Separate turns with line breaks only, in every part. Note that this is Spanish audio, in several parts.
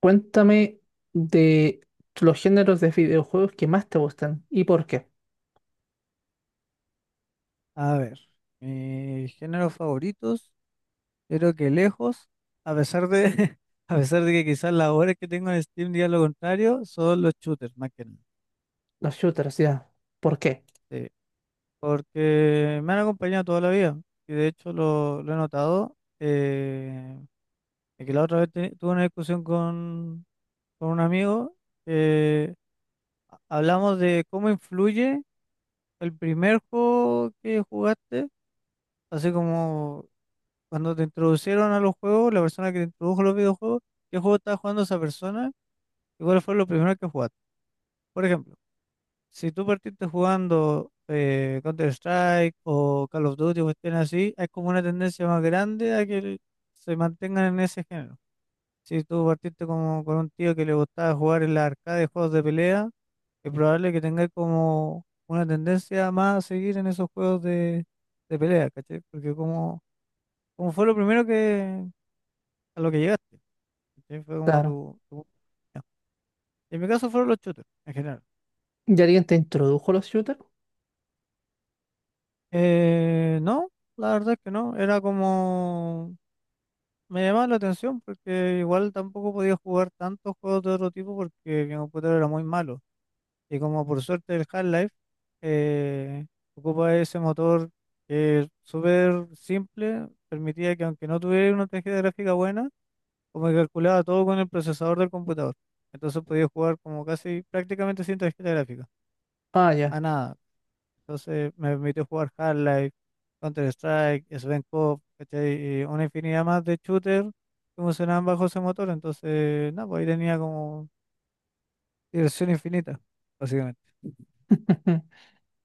Cuéntame de los géneros de videojuegos que más te gustan y por qué.
A ver, mis géneros favoritos, creo que lejos, a pesar de, a pesar de que quizás las horas que tengo en Steam digan lo contrario, son los shooters, más que nada.
Los shooters, ya. ¿Por qué?
Sí, porque me han acompañado toda la vida y de hecho lo he notado. De que la otra vez tuve una discusión con un amigo. eh, Hablamos de cómo influye el primer juego que jugaste, así como cuando te introducieron a los juegos, la persona que te introdujo a los videojuegos, ¿qué juego estaba jugando esa persona? ¿Y cuál fue lo primero que jugaste? Por ejemplo, si tú partiste jugando Counter-Strike o Call of Duty o cuestiones así, hay como una tendencia más grande a que se mantengan en ese género. Si tú partiste como con un tío que le gustaba jugar en la arcade de juegos de pelea, es probable que tengáis como una tendencia más a seguir en esos juegos de pelea, ¿cachai? Porque como fue lo primero que a lo que llegaste. ¿Cachai? Fue como
Claro.
ya. En mi caso fueron los shooters, en general.
¿Ya alguien te introdujo los shooters?
No, la verdad es que no. Era como. Me llamaba la atención porque igual tampoco podía jugar tantos juegos de otro tipo porque mi computador era muy malo. Y como por suerte el Half-Life eh, ocupa ese motor que es súper simple, permitía que aunque no tuviera una tarjeta gráfica buena, como que calculaba todo con el procesador del computador. Entonces podía jugar como casi prácticamente sin tarjeta gráfica.
Ah, ya.
A nada, entonces me permitió jugar Half-Life, Counter-Strike, Svenco, ¿cachai? Y una infinidad más de shooters que funcionaban bajo ese motor. Entonces, no, pues ahí tenía como diversión infinita, básicamente. ¿En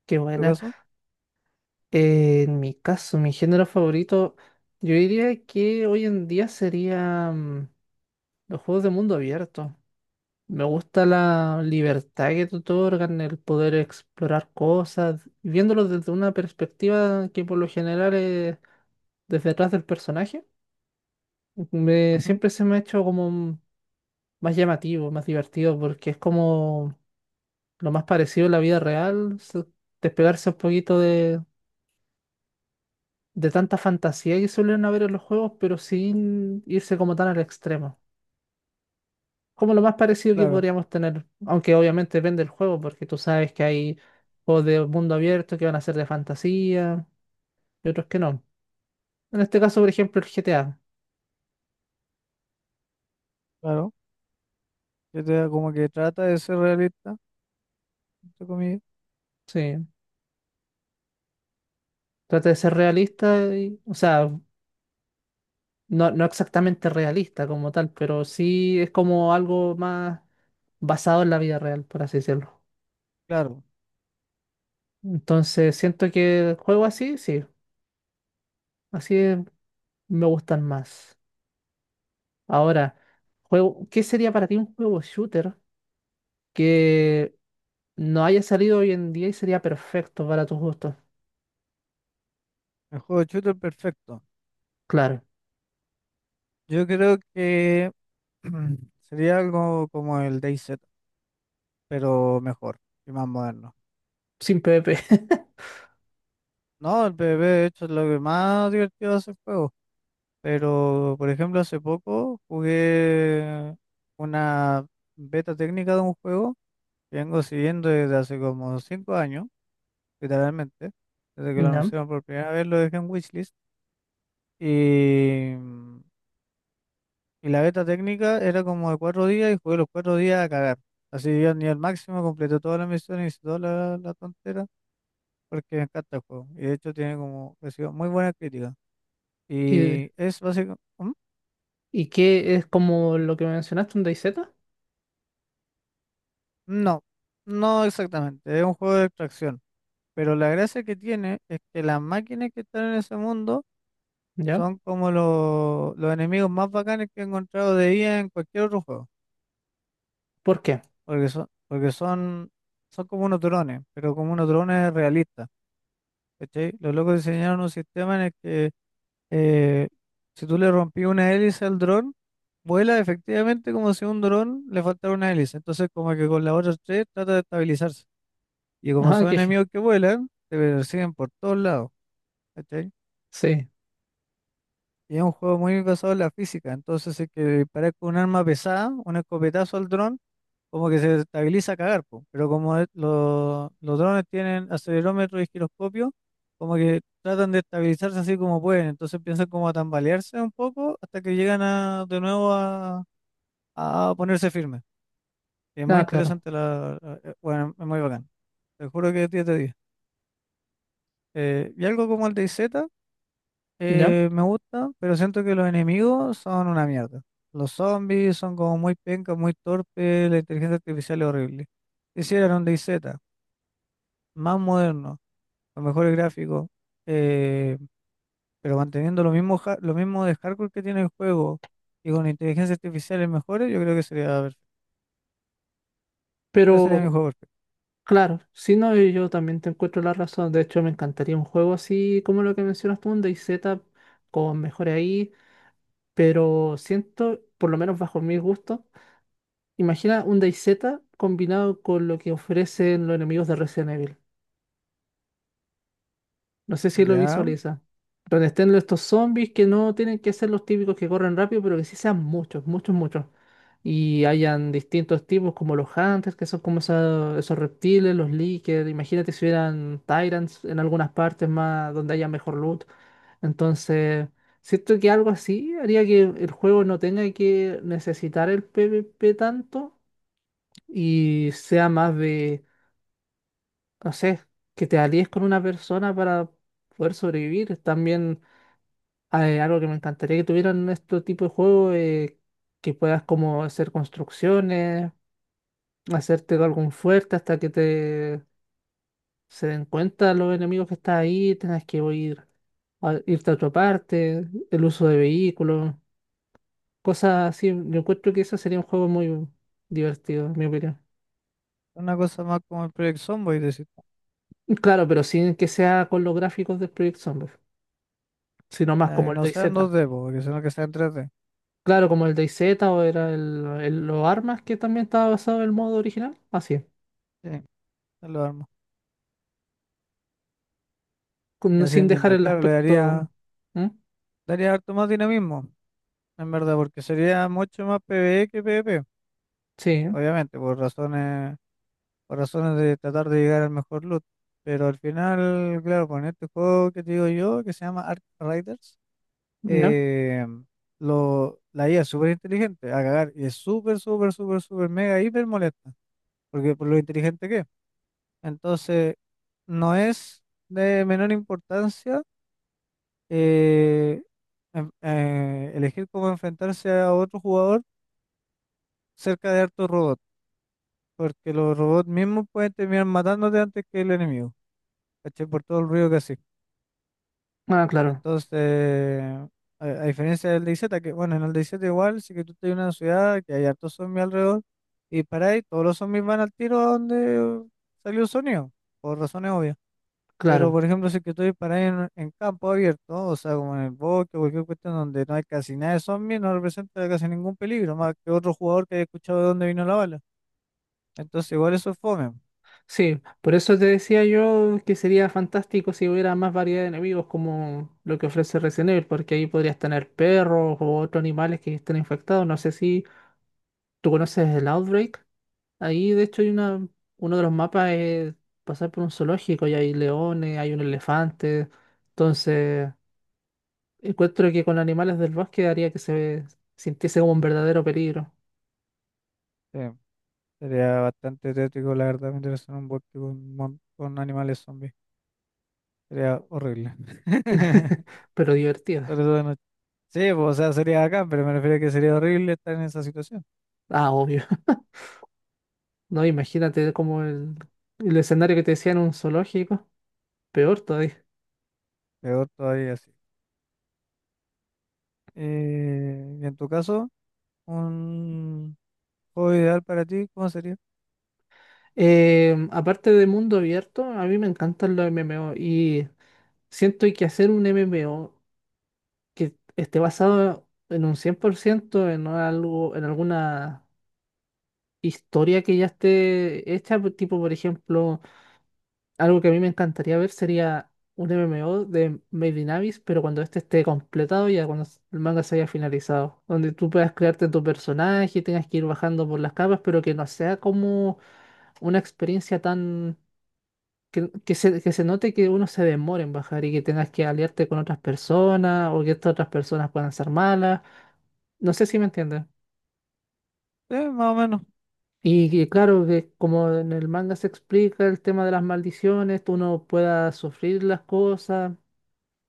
Qué
tu
buena.
caso?
En mi caso, mi género favorito, yo diría que hoy en día serían los juegos de mundo abierto. Me gusta la libertad que te otorgan, el poder explorar cosas, viéndolo desde una perspectiva que por lo general es desde atrás del personaje.
Ujú.
Siempre se me ha hecho como más llamativo, más divertido, porque es como lo más parecido a la vida real, despegarse un poquito de tanta fantasía que suelen haber en los juegos, pero sin irse como tan al extremo. Como lo más parecido que
Claro,
podríamos tener, aunque obviamente depende del juego, porque tú sabes que hay juegos de mundo abierto que van a ser de fantasía y otros que no. En este caso, por ejemplo, el GTA.
claro. Yo te como que trata de ser realista, entre comillas.
Sí, trata de ser realista, o sea, no, no exactamente realista como tal, pero sí es como algo más basado en la vida real, por así decirlo.
Claro,
Entonces, siento que juego así, sí, así es- me gustan más. Ahora, ¿qué sería para ti un juego shooter que no haya salido hoy en día y sería perfecto para tus gustos?
el juego de shooter perfecto.
Claro,
Yo creo que sería algo como el DayZ, pero mejor y más moderno.
sin PvP.
No, el PvP de hecho es lo que más divertido hace el juego. Pero, por ejemplo, hace poco jugué una beta técnica de un juego que vengo siguiendo desde hace como 5 años, literalmente. Desde que lo
¿Ya?
anunciaron por primera vez lo dejé en Wishlist. Y, y la beta técnica era como de 4 días y jugué los 4 días a cagar. Así yo al nivel máximo completé todas las misiones y toda la tontera porque me encanta el juego. Y de hecho tiene como, recibió muy buena crítica.
¿Y,
Y es básicamente.
y qué es como lo que mencionaste, un DayZ?
No, no exactamente, es un juego de extracción, pero la gracia que tiene es que las máquinas que están en ese mundo
¿Ya?
son como los enemigos más bacanes que he encontrado de IA en cualquier otro juego,
¿Por qué?
porque son, son como unos drones, pero como unos drones realistas, ¿cachai? Los locos diseñaron un sistema en el que eh, si tú le rompí una hélice al dron, vuela efectivamente como si a un dron le faltara una hélice, entonces como que con las otras tres trata de estabilizarse. Y como
Ah,
son
que
enemigos que vuelan, te persiguen por todos lados, ¿cachai?
sí.
Y es un juego muy basado en la física, entonces si es que disparar con un arma pesada, un escopetazo al dron, como que se estabiliza a cagar, po. Pero como los drones tienen acelerómetro y giroscopio, como que tratan de estabilizarse así como pueden, entonces piensan como a tambalearse un poco hasta que llegan a, de nuevo a ponerse firmes. Es muy
Nada, claro.
interesante, bueno, es muy bacán. Te juro que 10 de 10. Y algo como el DayZ.
¿Ya?
Me gusta, pero siento que los enemigos son una mierda. Los zombies son como muy pencas, muy torpes, la inteligencia artificial es horrible. Hicieran un DayZ, más moderno, con mejores gráficos, eh, pero manteniendo lo mismo, lo mismo de hardcore que tiene el juego y con inteligencia artificial mejores, yo creo que sería perfecto. Ese sería
Pero...
mi juego perfecto.
Claro, si no, y yo también te encuentro la razón. De hecho, me encantaría un juego así como lo que mencionas tú, un DayZ con mejores ahí, pero siento, por lo menos bajo mis gustos, imagina un DayZ combinado con lo que ofrecen los enemigos de Resident Evil. No sé si lo
Ya,
visualiza. Donde estén estos zombies que no tienen que ser los típicos que corren rápido, pero que sí sean muchos, muchos, muchos. Y hayan distintos tipos, como los hunters, que son como esos reptiles, los leakers. Imagínate si hubieran tyrants en algunas partes más donde haya mejor loot. Entonces, siento que algo así haría que el juego no tenga que necesitar el PvP tanto y sea más, no sé, que te alíes con una persona para poder sobrevivir. También, algo que me encantaría que tuvieran este tipo de juego, que puedas como hacer construcciones, hacerte algún fuerte hasta que te se den cuenta los enemigos que estás ahí, tengas que ir irte a otra parte, el uso de vehículos, cosas así. Yo encuentro que eso sería un juego muy divertido, en mi opinión.
una cosa más como el Project Zomboid, decir,
Claro, pero sin que sea con los gráficos del Project Zomboid, sino más
ah,
como
que
el
no sean
DayZ.
2D po, porque sino que sean 3D.
Claro, como el DayZ o era el, los armas que también estaba basado en el modo original. Así es.
Sí, ya lo armo. Ya se
Sin dejar
entendiendo.
el
Claro, le daría,
aspecto. ¿Mm?
daría harto más dinamismo. En verdad, porque sería mucho más PvE que PvP,
Sí,
obviamente, por razones de tratar de llegar al mejor loot. Pero al final, claro, con este juego que te digo yo, que se llama Ark Riders,
¿no?
eh, la IA es súper inteligente, a cagar, y es súper, súper, súper, súper, mega, hiper molesta, porque por lo inteligente que es. Entonces, no es de menor importancia eh, elegir cómo enfrentarse a otro jugador cerca de hartos robots. Porque los robots mismos pueden terminar matándote antes que el enemigo, ¿cachai? Por todo el ruido que hace.
Ah, claro,
Entonces, a diferencia del DayZ, que bueno, en el DayZ igual, sí que tú estás en una ciudad que hay hartos zombies alrededor, y para ahí todos los zombies van al tiro a donde salió el sonido, por razones obvias. Pero,
claro.
por ejemplo, si que tú disparas en campo abierto, o sea, como en el bosque o cualquier cuestión donde no hay casi nada de zombies, no representa casi ningún peligro, más que otro jugador que haya escuchado de dónde vino la bala. Entonces, igual eso es fome.
Sí, por eso te decía yo que sería fantástico si hubiera más variedad de enemigos como lo que ofrece Resident Evil, porque ahí podrías tener perros o otros animales que estén infectados. No sé si tú conoces el Outbreak. Ahí, de hecho, uno de los mapas es pasar por un zoológico y hay leones, hay un elefante. Entonces. Encuentro que con animales del bosque haría que se sintiese como un verdadero peligro,
Sí. Sería bastante tétrico, la verdad, meterse en un bosque con animales zombies. Sería horrible.
pero divertido.
Sobre todo de noche. Sí, pues, o sea, sería acá, pero me refiero a que sería horrible estar en esa situación.
Ah, obvio. No, imagínate como el escenario que te decía en un zoológico, peor todavía.
Peor todavía, sí. Y en tu caso, un juego ideal para ti, ¿cómo sería?
Aparte de mundo abierto, a mí me encantan los MMO y siento que hacer un MMO que esté basado en un 100% en algo, en alguna historia que ya esté hecha, pues, tipo por ejemplo. Algo que a mí me encantaría ver sería un MMO de Made in Abyss, pero cuando este esté completado, ya cuando el manga se haya finalizado, donde tú puedas crearte tu personaje y tengas que ir bajando por las capas, pero que no sea como una experiencia tan... Que se note que uno se demore en bajar y que tengas que aliarte con otras personas o que estas otras personas puedan ser malas. No sé si me entiendes.
Sí, más o menos.
Claro que como en el manga se explica el tema de las maldiciones, tú no puedas sufrir las cosas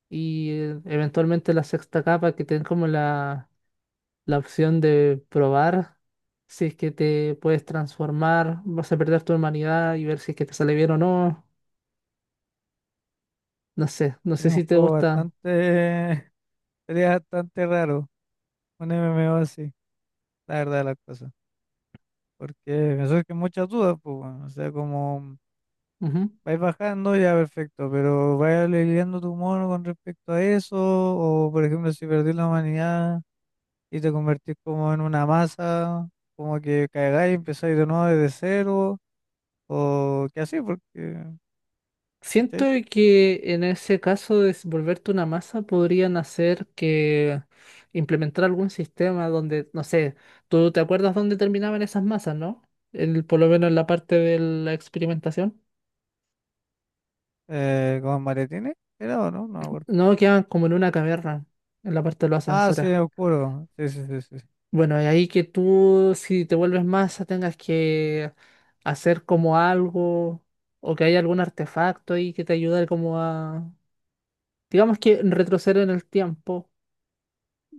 y, eventualmente la sexta capa que te den como la opción de probar si es que te puedes transformar, vas a perder tu humanidad y ver si es que te sale bien o no. No sé, no sé
Sería un
si te
juego
gusta.
bastante, sería bastante raro, un MMO así, la verdad de las cosas. Porque me surgen muchas dudas, pues, bueno, o sea, como.
Ujú.
Vais bajando, ya perfecto, pero vaya lidiando tu mono con respecto a eso, o por ejemplo, si perdís la humanidad y te convertís como en una masa, como que caigáis y empezáis de nuevo desde cero, o que así, porque,
Siento
¿cachai?
que en ese caso de volverte una masa podrían hacer que implementar algún sistema donde, no sé, tú te acuerdas dónde terminaban esas masas, ¿no? El, por lo menos en la parte de la experimentación.
¿Con maletines? ¿Era o no? No me acuerdo.
No, quedan como en una caverna, en la parte de los
Ah, sí,
ascensores.
oscuro. Sí, sí, sí, sí. Sí.
Bueno, y ahí que tú, si te vuelves masa, tengas que hacer como algo, o que haya algún artefacto ahí que te ayude como a, digamos, que retroceder en el tiempo,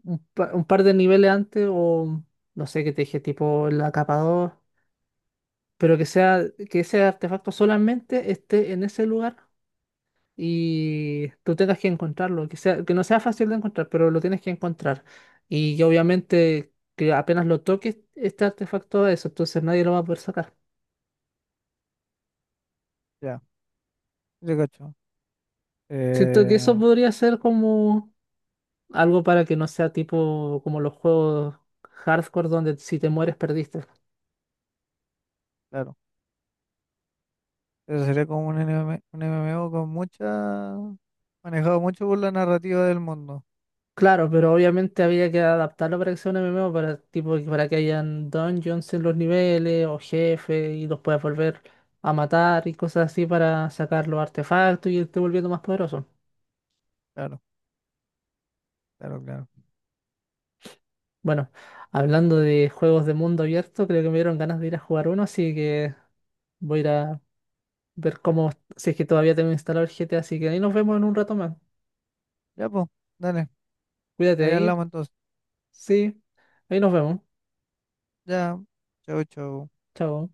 un par de niveles antes, o no sé qué te dije, tipo la capa 2, pero que sea, que ese artefacto solamente esté en ese lugar y tú tengas que encontrarlo, que sea, que no sea fácil de encontrar, pero lo tienes que encontrar. Y que obviamente que apenas lo toques, este artefacto es eso, entonces nadie lo va a poder sacar.
Ya, te cacho.
Siento que eso
Eh,
podría ser como algo para que no sea tipo como los juegos hardcore donde si te mueres perdiste.
claro, eso sería como un MMO con mucha, manejado mucho por la narrativa del mundo.
Claro, pero obviamente había que adaptarlo para que sea un MMO, para, tipo, para que hayan dungeons en los niveles o jefes y los puedas volver a matar y cosas así para sacar los artefactos y irte volviendo más poderoso.
Claro, claro, claro.
Bueno, hablando de juegos de mundo abierto, creo que me dieron ganas de ir a jugar uno, así que voy a ir a ver cómo, si es que todavía tengo instalado el GTA, así que ahí nos vemos en un rato más.
Ya, pues, dale,
Cuídate
ahí
ahí,
hablamos entonces.
sí, ahí nos vemos.
Ya, chau, chau.
Chao.